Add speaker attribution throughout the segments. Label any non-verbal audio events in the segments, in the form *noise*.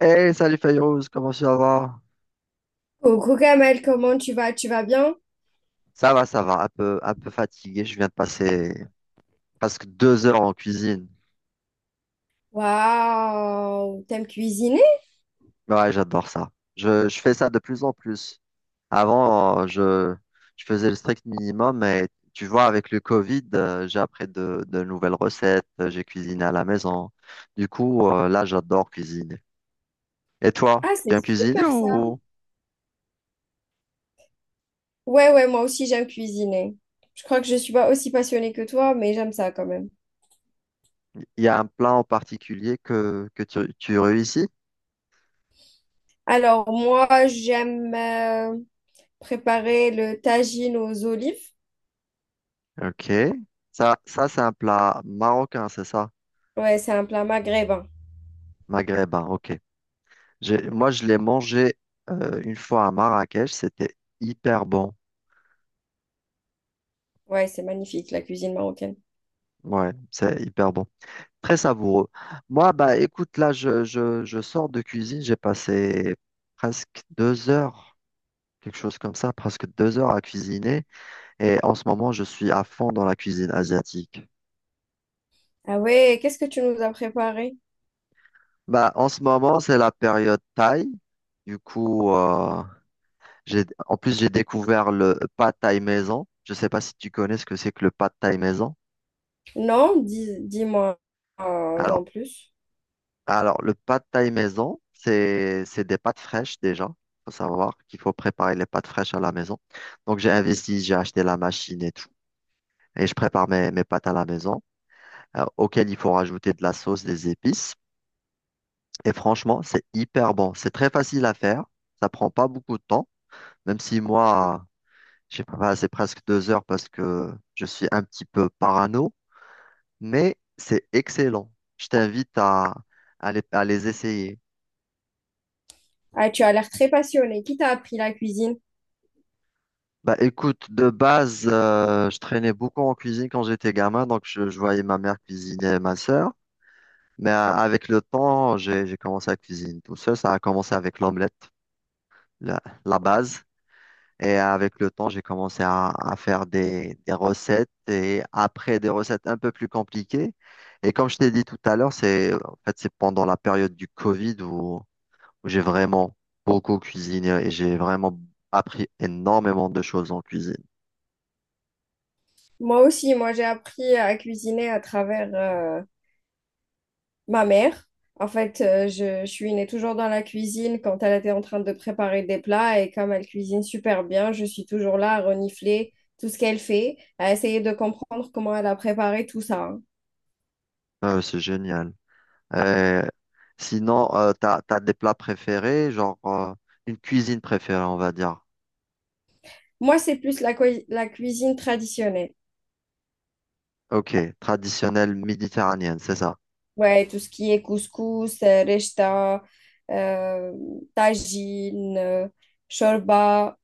Speaker 1: Hey, salut Fayrouz, comment ça va?
Speaker 2: Coucou Kamel, comment tu vas? Tu vas bien?
Speaker 1: Ça va, ça va, un peu fatigué. Je viens de passer presque 2 heures en cuisine.
Speaker 2: Waouh, t'aimes cuisiner?
Speaker 1: Ouais, j'adore ça. Je fais ça de plus en plus. Avant, je faisais le strict minimum, mais tu vois, avec le Covid, j'ai appris de nouvelles recettes, j'ai cuisiné à la maison. Du coup, là, j'adore cuisiner. Et toi,
Speaker 2: Ah,
Speaker 1: tu
Speaker 2: c'est
Speaker 1: aimes cuisiner
Speaker 2: super ça.
Speaker 1: ou
Speaker 2: Ouais, ouais, moi aussi j'aime cuisiner. Je crois que je suis pas aussi passionnée que toi, mais j'aime ça quand même.
Speaker 1: il y a un plat en particulier que tu réussis?
Speaker 2: Alors moi, j'aime préparer le tagine aux olives.
Speaker 1: Ok. Ça c'est un plat marocain, c'est ça?
Speaker 2: Ouais, c'est un plat maghrébin.
Speaker 1: Maghrébin, ok. Moi, je l'ai mangé une fois à Marrakech. C'était hyper bon.
Speaker 2: Ouais, c'est magnifique, la cuisine marocaine.
Speaker 1: Ouais, c'est hyper bon. Très savoureux. Moi, bah écoute, là, je sors de cuisine. J'ai passé presque 2 heures, quelque chose comme ça, presque 2 heures à cuisiner. Et en ce moment, je suis à fond dans la cuisine asiatique.
Speaker 2: Ah ouais, qu'est-ce que tu nous as préparé?
Speaker 1: Bah, en ce moment, c'est la période thaï. Du coup, j'ai, en plus, j'ai découvert le pad thaï maison. Je ne sais pas si tu connais ce que c'est que le pad thaï maison.
Speaker 2: Non, dis, dis-moi
Speaker 1: Alors,
Speaker 2: en plus.
Speaker 1: Alors, le pad thaï maison, c'est des pâtes fraîches déjà. Faut savoir qu'il faut préparer les pâtes fraîches à la maison. Donc, j'ai investi, j'ai acheté la machine et tout. Et je prépare mes pâtes à la maison, auxquelles il faut rajouter de la sauce, des épices. Et franchement, c'est hyper bon. C'est très facile à faire. Ça prend pas beaucoup de temps. Même si moi, je sais pas, bah, c'est presque 2 heures parce que je suis un petit peu parano. Mais c'est excellent. Je t'invite à, à les essayer.
Speaker 2: Ah, tu as l'air très passionnée. Qui t'a appris la cuisine?
Speaker 1: Bah écoute, de base, je traînais beaucoup en cuisine quand j'étais gamin, donc je voyais ma mère cuisiner et ma sœur. Mais avec le temps, j'ai commencé à cuisiner tout seul. Ça a commencé avec l'omelette, la, la base. Et avec le temps, j'ai commencé à faire des recettes et après des recettes un peu plus compliquées. Et comme je t'ai dit tout à l'heure, c'est en fait c'est pendant la période du Covid où j'ai vraiment beaucoup cuisiné et j'ai vraiment appris énormément de choses en cuisine.
Speaker 2: Moi aussi, moi j'ai appris à cuisiner à travers ma mère. En fait, je suis née toujours dans la cuisine quand elle était en train de préparer des plats et comme elle cuisine super bien, je suis toujours là à renifler tout ce qu'elle fait, à essayer de comprendre comment elle a préparé tout ça, hein.
Speaker 1: C'est génial. Euh, sinon, t'as des plats préférés, genre une cuisine préférée, on va dire.
Speaker 2: Moi, c'est plus la cuisine traditionnelle.
Speaker 1: Ok, traditionnelle méditerranéenne, c'est ça.
Speaker 2: Ouais, tout ce qui est couscous, rechta, euh, tagine, shorba.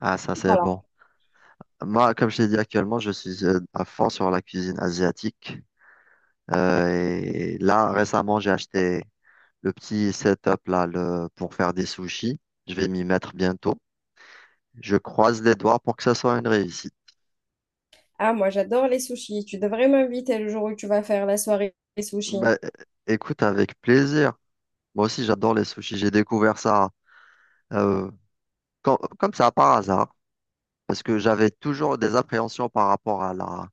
Speaker 1: Ah, ça c'est
Speaker 2: Voilà.
Speaker 1: bon. Moi, comme je t'ai dit actuellement, je suis à fond sur la cuisine asiatique. Et là, récemment, j'ai acheté le petit setup là le, pour faire des sushis. Je vais m'y mettre bientôt. Je croise les doigts pour que ça soit une réussite.
Speaker 2: Ah, moi, j'adore les sushis. Tu devrais m'inviter le jour où tu vas faire la soirée des sushis.
Speaker 1: Bah, écoute, avec plaisir. Moi aussi, j'adore les sushis. J'ai découvert ça. euh, Comme ça, par hasard, parce que j'avais toujours des appréhensions par rapport à la,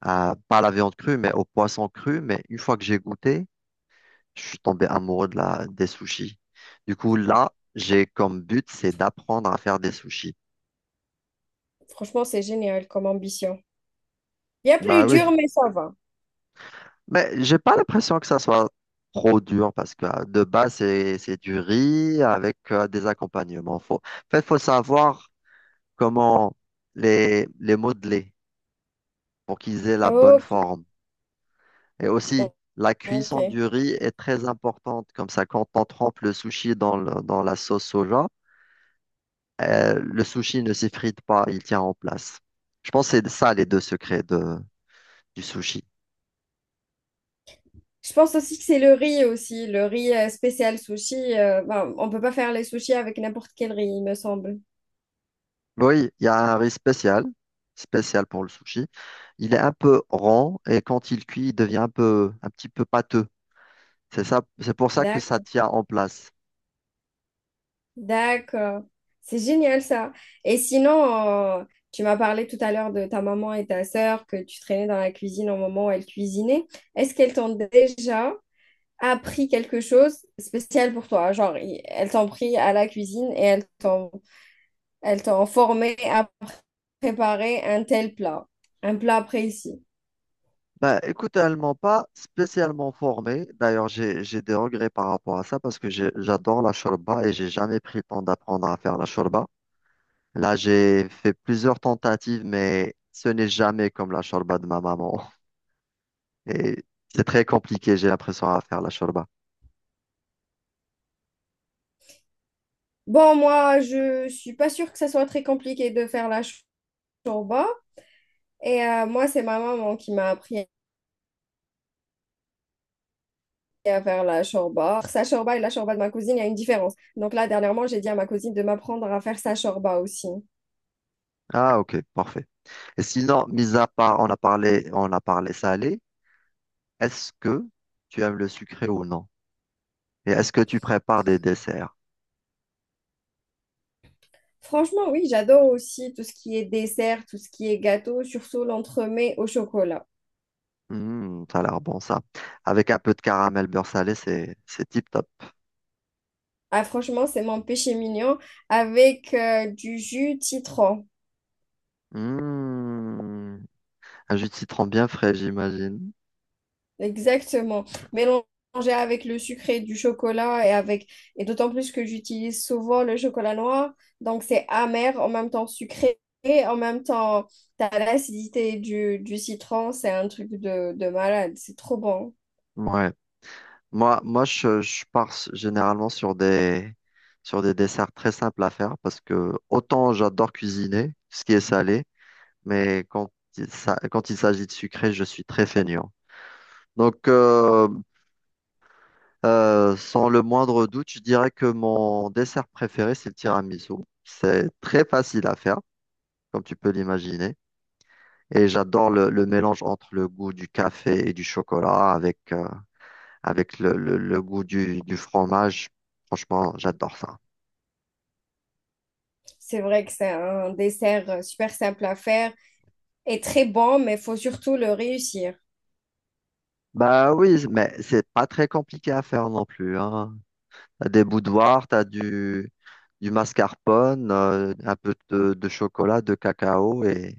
Speaker 1: à- pas à la viande crue, mais au poisson cru. Mais une fois que j'ai goûté, je suis tombé amoureux de des sushis. Du coup, là, j'ai comme but, c'est d'apprendre à faire des sushis.
Speaker 2: Franchement, c'est génial comme ambition. Il y a plus
Speaker 1: Bah oui,
Speaker 2: dur, mais ça va.
Speaker 1: mais j'ai pas l'impression que ça soit trop dur, parce que de base, c'est du riz avec des accompagnements. Faut savoir comment les modeler pour qu'ils aient la bonne
Speaker 2: Ok,
Speaker 1: forme. Et aussi, la
Speaker 2: ok.
Speaker 1: cuisson du riz est très importante. Comme ça, quand on trempe le sushi dans la sauce soja, le sushi ne s'effrite pas, il tient en place. Je pense que c'est ça les deux secrets du sushi.
Speaker 2: Je pense aussi que c'est le riz aussi. Le riz spécial sushi. Euh, ben, on peut pas faire les sushis avec n'importe quel riz, il me semble.
Speaker 1: Oui, il y a un riz spécial, spécial pour le sushi. Il est un peu rond et quand il cuit, il devient un peu, un petit peu pâteux. C'est ça, c'est pour ça que ça
Speaker 2: D'accord.
Speaker 1: tient en place.
Speaker 2: D'accord. C'est génial ça. Et sinon, tu m'as parlé tout à l'heure de ta maman et ta sœur que tu traînais dans la cuisine au moment où elles cuisinaient. Est-ce qu'elles t'ont déjà appris quelque chose spécial pour toi? Genre, elles t'ont pris à la cuisine et elles t'ont formé à préparer un tel plat, un plat précis.
Speaker 1: Bah, écoute, elle m'a pas spécialement formé. D'ailleurs, j'ai des regrets par rapport à ça parce que j'adore la shorba et j'ai jamais pris le temps d'apprendre à faire la shorba. Là, j'ai fait plusieurs tentatives, mais ce n'est jamais comme la shorba de ma maman. *laughs* Et c'est très compliqué, j'ai l'impression, à faire la shorba.
Speaker 2: Bon, moi, je suis pas sûre que ça soit très compliqué de faire la chorba. Et moi, c'est ma maman qui m'a appris à faire la chorba. Sa chorba et la chorba de ma cousine, il y a une différence. Donc là, dernièrement, j'ai dit à ma cousine de m'apprendre à faire sa chorba aussi.
Speaker 1: Ah, ok, parfait. Et sinon, mis à part, on a parlé salé, est-ce que tu aimes le sucré ou non? Et est-ce que tu prépares des desserts?
Speaker 2: Franchement, oui, j'adore aussi tout ce qui est dessert, tout ce qui est gâteau, surtout l'entremets au chocolat.
Speaker 1: Hmm, ça a l'air bon ça. Avec un peu de caramel beurre salé, c'est tip top.
Speaker 2: Ah, franchement, c'est mon péché mignon avec du jus citron.
Speaker 1: Hmm, un jus de citron bien frais, j'imagine.
Speaker 2: Exactement. Mélanger avec le sucré du chocolat et avec et d'autant plus que j'utilise souvent le chocolat noir, donc c'est amer en même temps sucré et en même temps t'as l'acidité du citron, c'est un truc de malade, c'est trop bon.
Speaker 1: Ouais. Moi, je pars généralement sur sur des desserts très simples à faire parce que autant j'adore cuisiner, ce qui est salé, mais quand quand il s'agit de sucré, je suis très feignant. Donc, sans le moindre doute, je dirais que mon dessert préféré, c'est le tiramisu. C'est très facile à faire, comme tu peux l'imaginer. Et j'adore le mélange entre le goût du café et du chocolat avec, avec le goût du fromage. Franchement, j'adore ça.
Speaker 2: C'est vrai que c'est un dessert super simple à faire et très bon, mais faut surtout le réussir.
Speaker 1: Bah oui, mais c'est pas très compliqué à faire non plus, hein. T'as des boudoirs, du mascarpone, un peu de chocolat, de cacao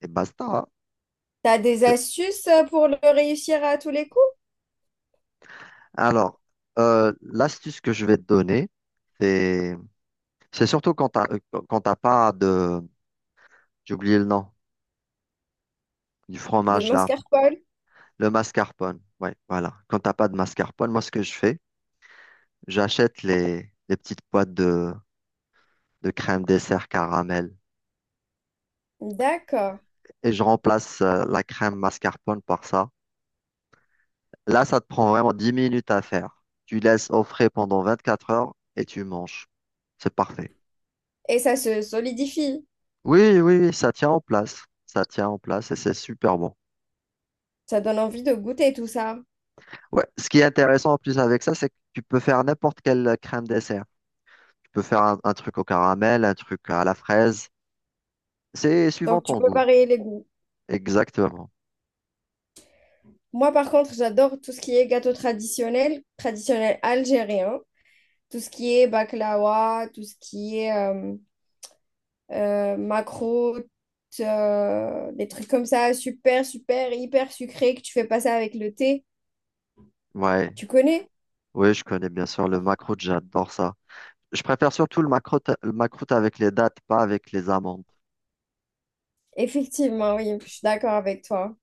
Speaker 1: et basta. Hein.
Speaker 2: T'as des
Speaker 1: C'est
Speaker 2: astuces pour le réussir à tous les coups?
Speaker 1: Alors, l'astuce que je vais te donner, c'est c'est surtout quand t'as pas de j'ai oublié le nom du
Speaker 2: De
Speaker 1: fromage là,
Speaker 2: mascarpone?
Speaker 1: le mascarpone. Ouais, voilà. Quand t'as pas de mascarpone, moi ce que je fais, j'achète les petites boîtes de crème dessert caramel
Speaker 2: D'accord.
Speaker 1: et je remplace la crème mascarpone par ça. Là, ça te prend vraiment 10 minutes à faire. Tu laisses au frais pendant 24 heures et tu manges. C'est parfait.
Speaker 2: Et ça se solidifie.
Speaker 1: Oui, ça tient en place. Ça tient en place et c'est super bon.
Speaker 2: Ça donne envie de goûter tout ça.
Speaker 1: Ouais, ce qui est intéressant en plus avec ça, c'est que tu peux faire n'importe quelle crème dessert. Tu peux faire un truc au caramel, un truc à la fraise. C'est suivant
Speaker 2: Donc tu
Speaker 1: ton
Speaker 2: peux
Speaker 1: goût.
Speaker 2: varier les goûts.
Speaker 1: Exactement.
Speaker 2: Moi par contre, j'adore tout ce qui est gâteau traditionnel, traditionnel algérien, tout ce qui est baklawa, tout ce qui est macro, des trucs comme ça, super, super, hyper sucrés que tu fais passer avec le thé.
Speaker 1: Ouais,
Speaker 2: Tu connais?
Speaker 1: oui, je connais bien sûr le macroute, j'adore ça. Je préfère surtout le macroute avec les dattes, pas avec les amandes.
Speaker 2: Effectivement, oui, je suis d'accord avec toi.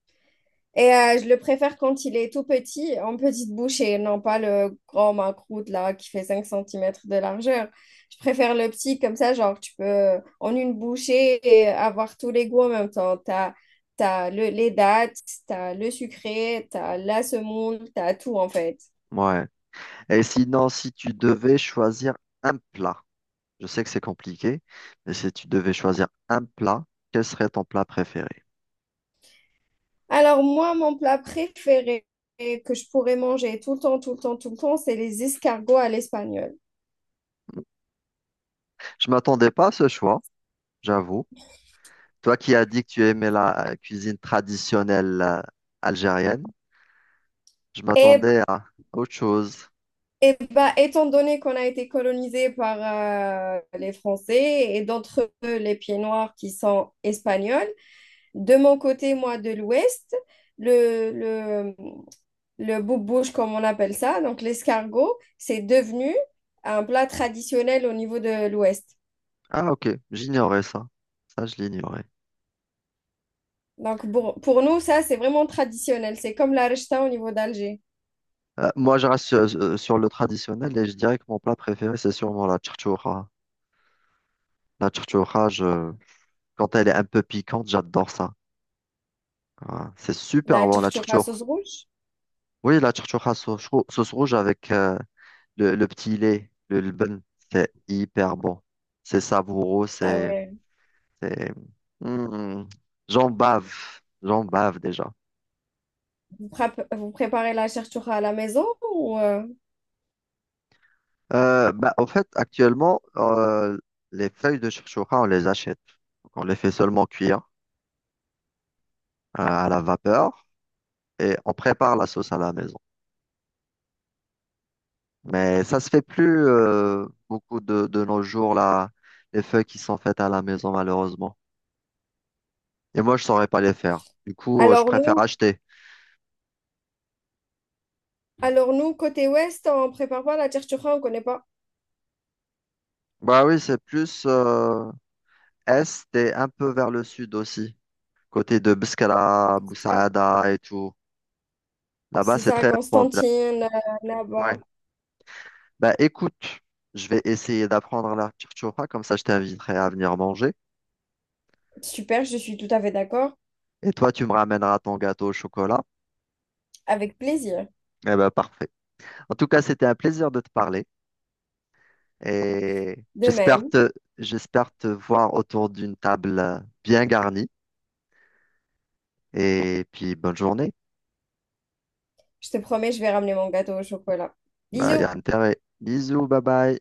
Speaker 2: Et je le préfère quand il est tout petit, en petite bouche, et non pas le grand macroute là qui fait 5 centimètres de largeur. Je préfère le petit comme ça, genre tu peux en une bouchée et avoir tous les goûts en même temps. T'as les dattes, t'as le sucré, t'as la semoule, t'as tout en fait.
Speaker 1: Ouais. Et sinon, si tu devais choisir un plat, je sais que c'est compliqué, mais si tu devais choisir un plat, quel serait ton plat préféré?
Speaker 2: Alors moi, mon plat préféré que je pourrais manger tout le temps, tout le temps, tout le temps, c'est les escargots à l'espagnol.
Speaker 1: Je m'attendais pas à ce choix, j'avoue. Toi qui as dit que tu aimais la cuisine traditionnelle algérienne, je
Speaker 2: Et,
Speaker 1: m'attendais à autre chose.
Speaker 2: bah, étant donné qu'on a été colonisé par les Français et d'entre eux les pieds noirs qui sont espagnols, de mon côté, moi, de l'Ouest, le, le, le boubouche, comme on appelle ça, donc l'escargot, c'est devenu un plat traditionnel au niveau de l'Ouest.
Speaker 1: Ah, ok, j'ignorais ça. Ça, je l'ignorais.
Speaker 2: Donc pour nous, ça, c'est vraiment traditionnel. C'est comme la rechta au niveau d'Alger.
Speaker 1: Moi, je reste sur, sur le traditionnel et je dirais que mon plat préféré, c'est sûrement la charchoura. La charchoura, quand elle est un peu piquante, j'adore ça. Ah, c'est super
Speaker 2: La
Speaker 1: bon, la
Speaker 2: chertura
Speaker 1: tchourtchour.
Speaker 2: sauce rouge?
Speaker 1: Oui, la tchourtchour à sauce rouge avec le petit lait, le lbn, c'est hyper bon. C'est savoureux,
Speaker 2: Ah
Speaker 1: c'est...
Speaker 2: ouais.
Speaker 1: c'est- Hmm, j'en bave, j'en bave déjà.
Speaker 2: Vous préparez la chertura à la maison ou
Speaker 1: Bah, au fait, actuellement, les feuilles de tchourtchoura, on les achète. Donc, on les fait seulement cuire à la vapeur et on prépare la sauce à la maison. Mais ça se fait plus beaucoup de nos jours, là, les feuilles qui sont faites à la maison, malheureusement. Et moi, je saurais pas les faire. Du coup, je
Speaker 2: Alors
Speaker 1: préfère
Speaker 2: nous,
Speaker 1: acheter.
Speaker 2: alors nous, côté ouest, on prépare pas la chertura, on connaît pas.
Speaker 1: Bah oui, c'est plus est et un peu vers le sud aussi. Côté de Beskala,
Speaker 2: Ah,
Speaker 1: Boussaada et tout. Là-bas,
Speaker 2: c'est
Speaker 1: c'est
Speaker 2: ça, à
Speaker 1: très répandu. Là.
Speaker 2: Constantine,
Speaker 1: Ouais.
Speaker 2: là-bas.
Speaker 1: Bah écoute, je vais essayer d'apprendre la choufa, comme ça je t'inviterai à venir manger.
Speaker 2: Super, je suis tout à fait d'accord.
Speaker 1: Et toi, tu me ramèneras ton gâteau au chocolat.
Speaker 2: Avec plaisir.
Speaker 1: Eh ben parfait. En tout cas, c'était un plaisir de te parler. Et
Speaker 2: De même,
Speaker 1: j'espère te voir autour d'une table bien garnie. Et puis, bonne journée.
Speaker 2: je te promets, je vais ramener mon gâteau au chocolat.
Speaker 1: Bah, y
Speaker 2: Bisous!
Speaker 1: a intérêt. Bisous, bye bye.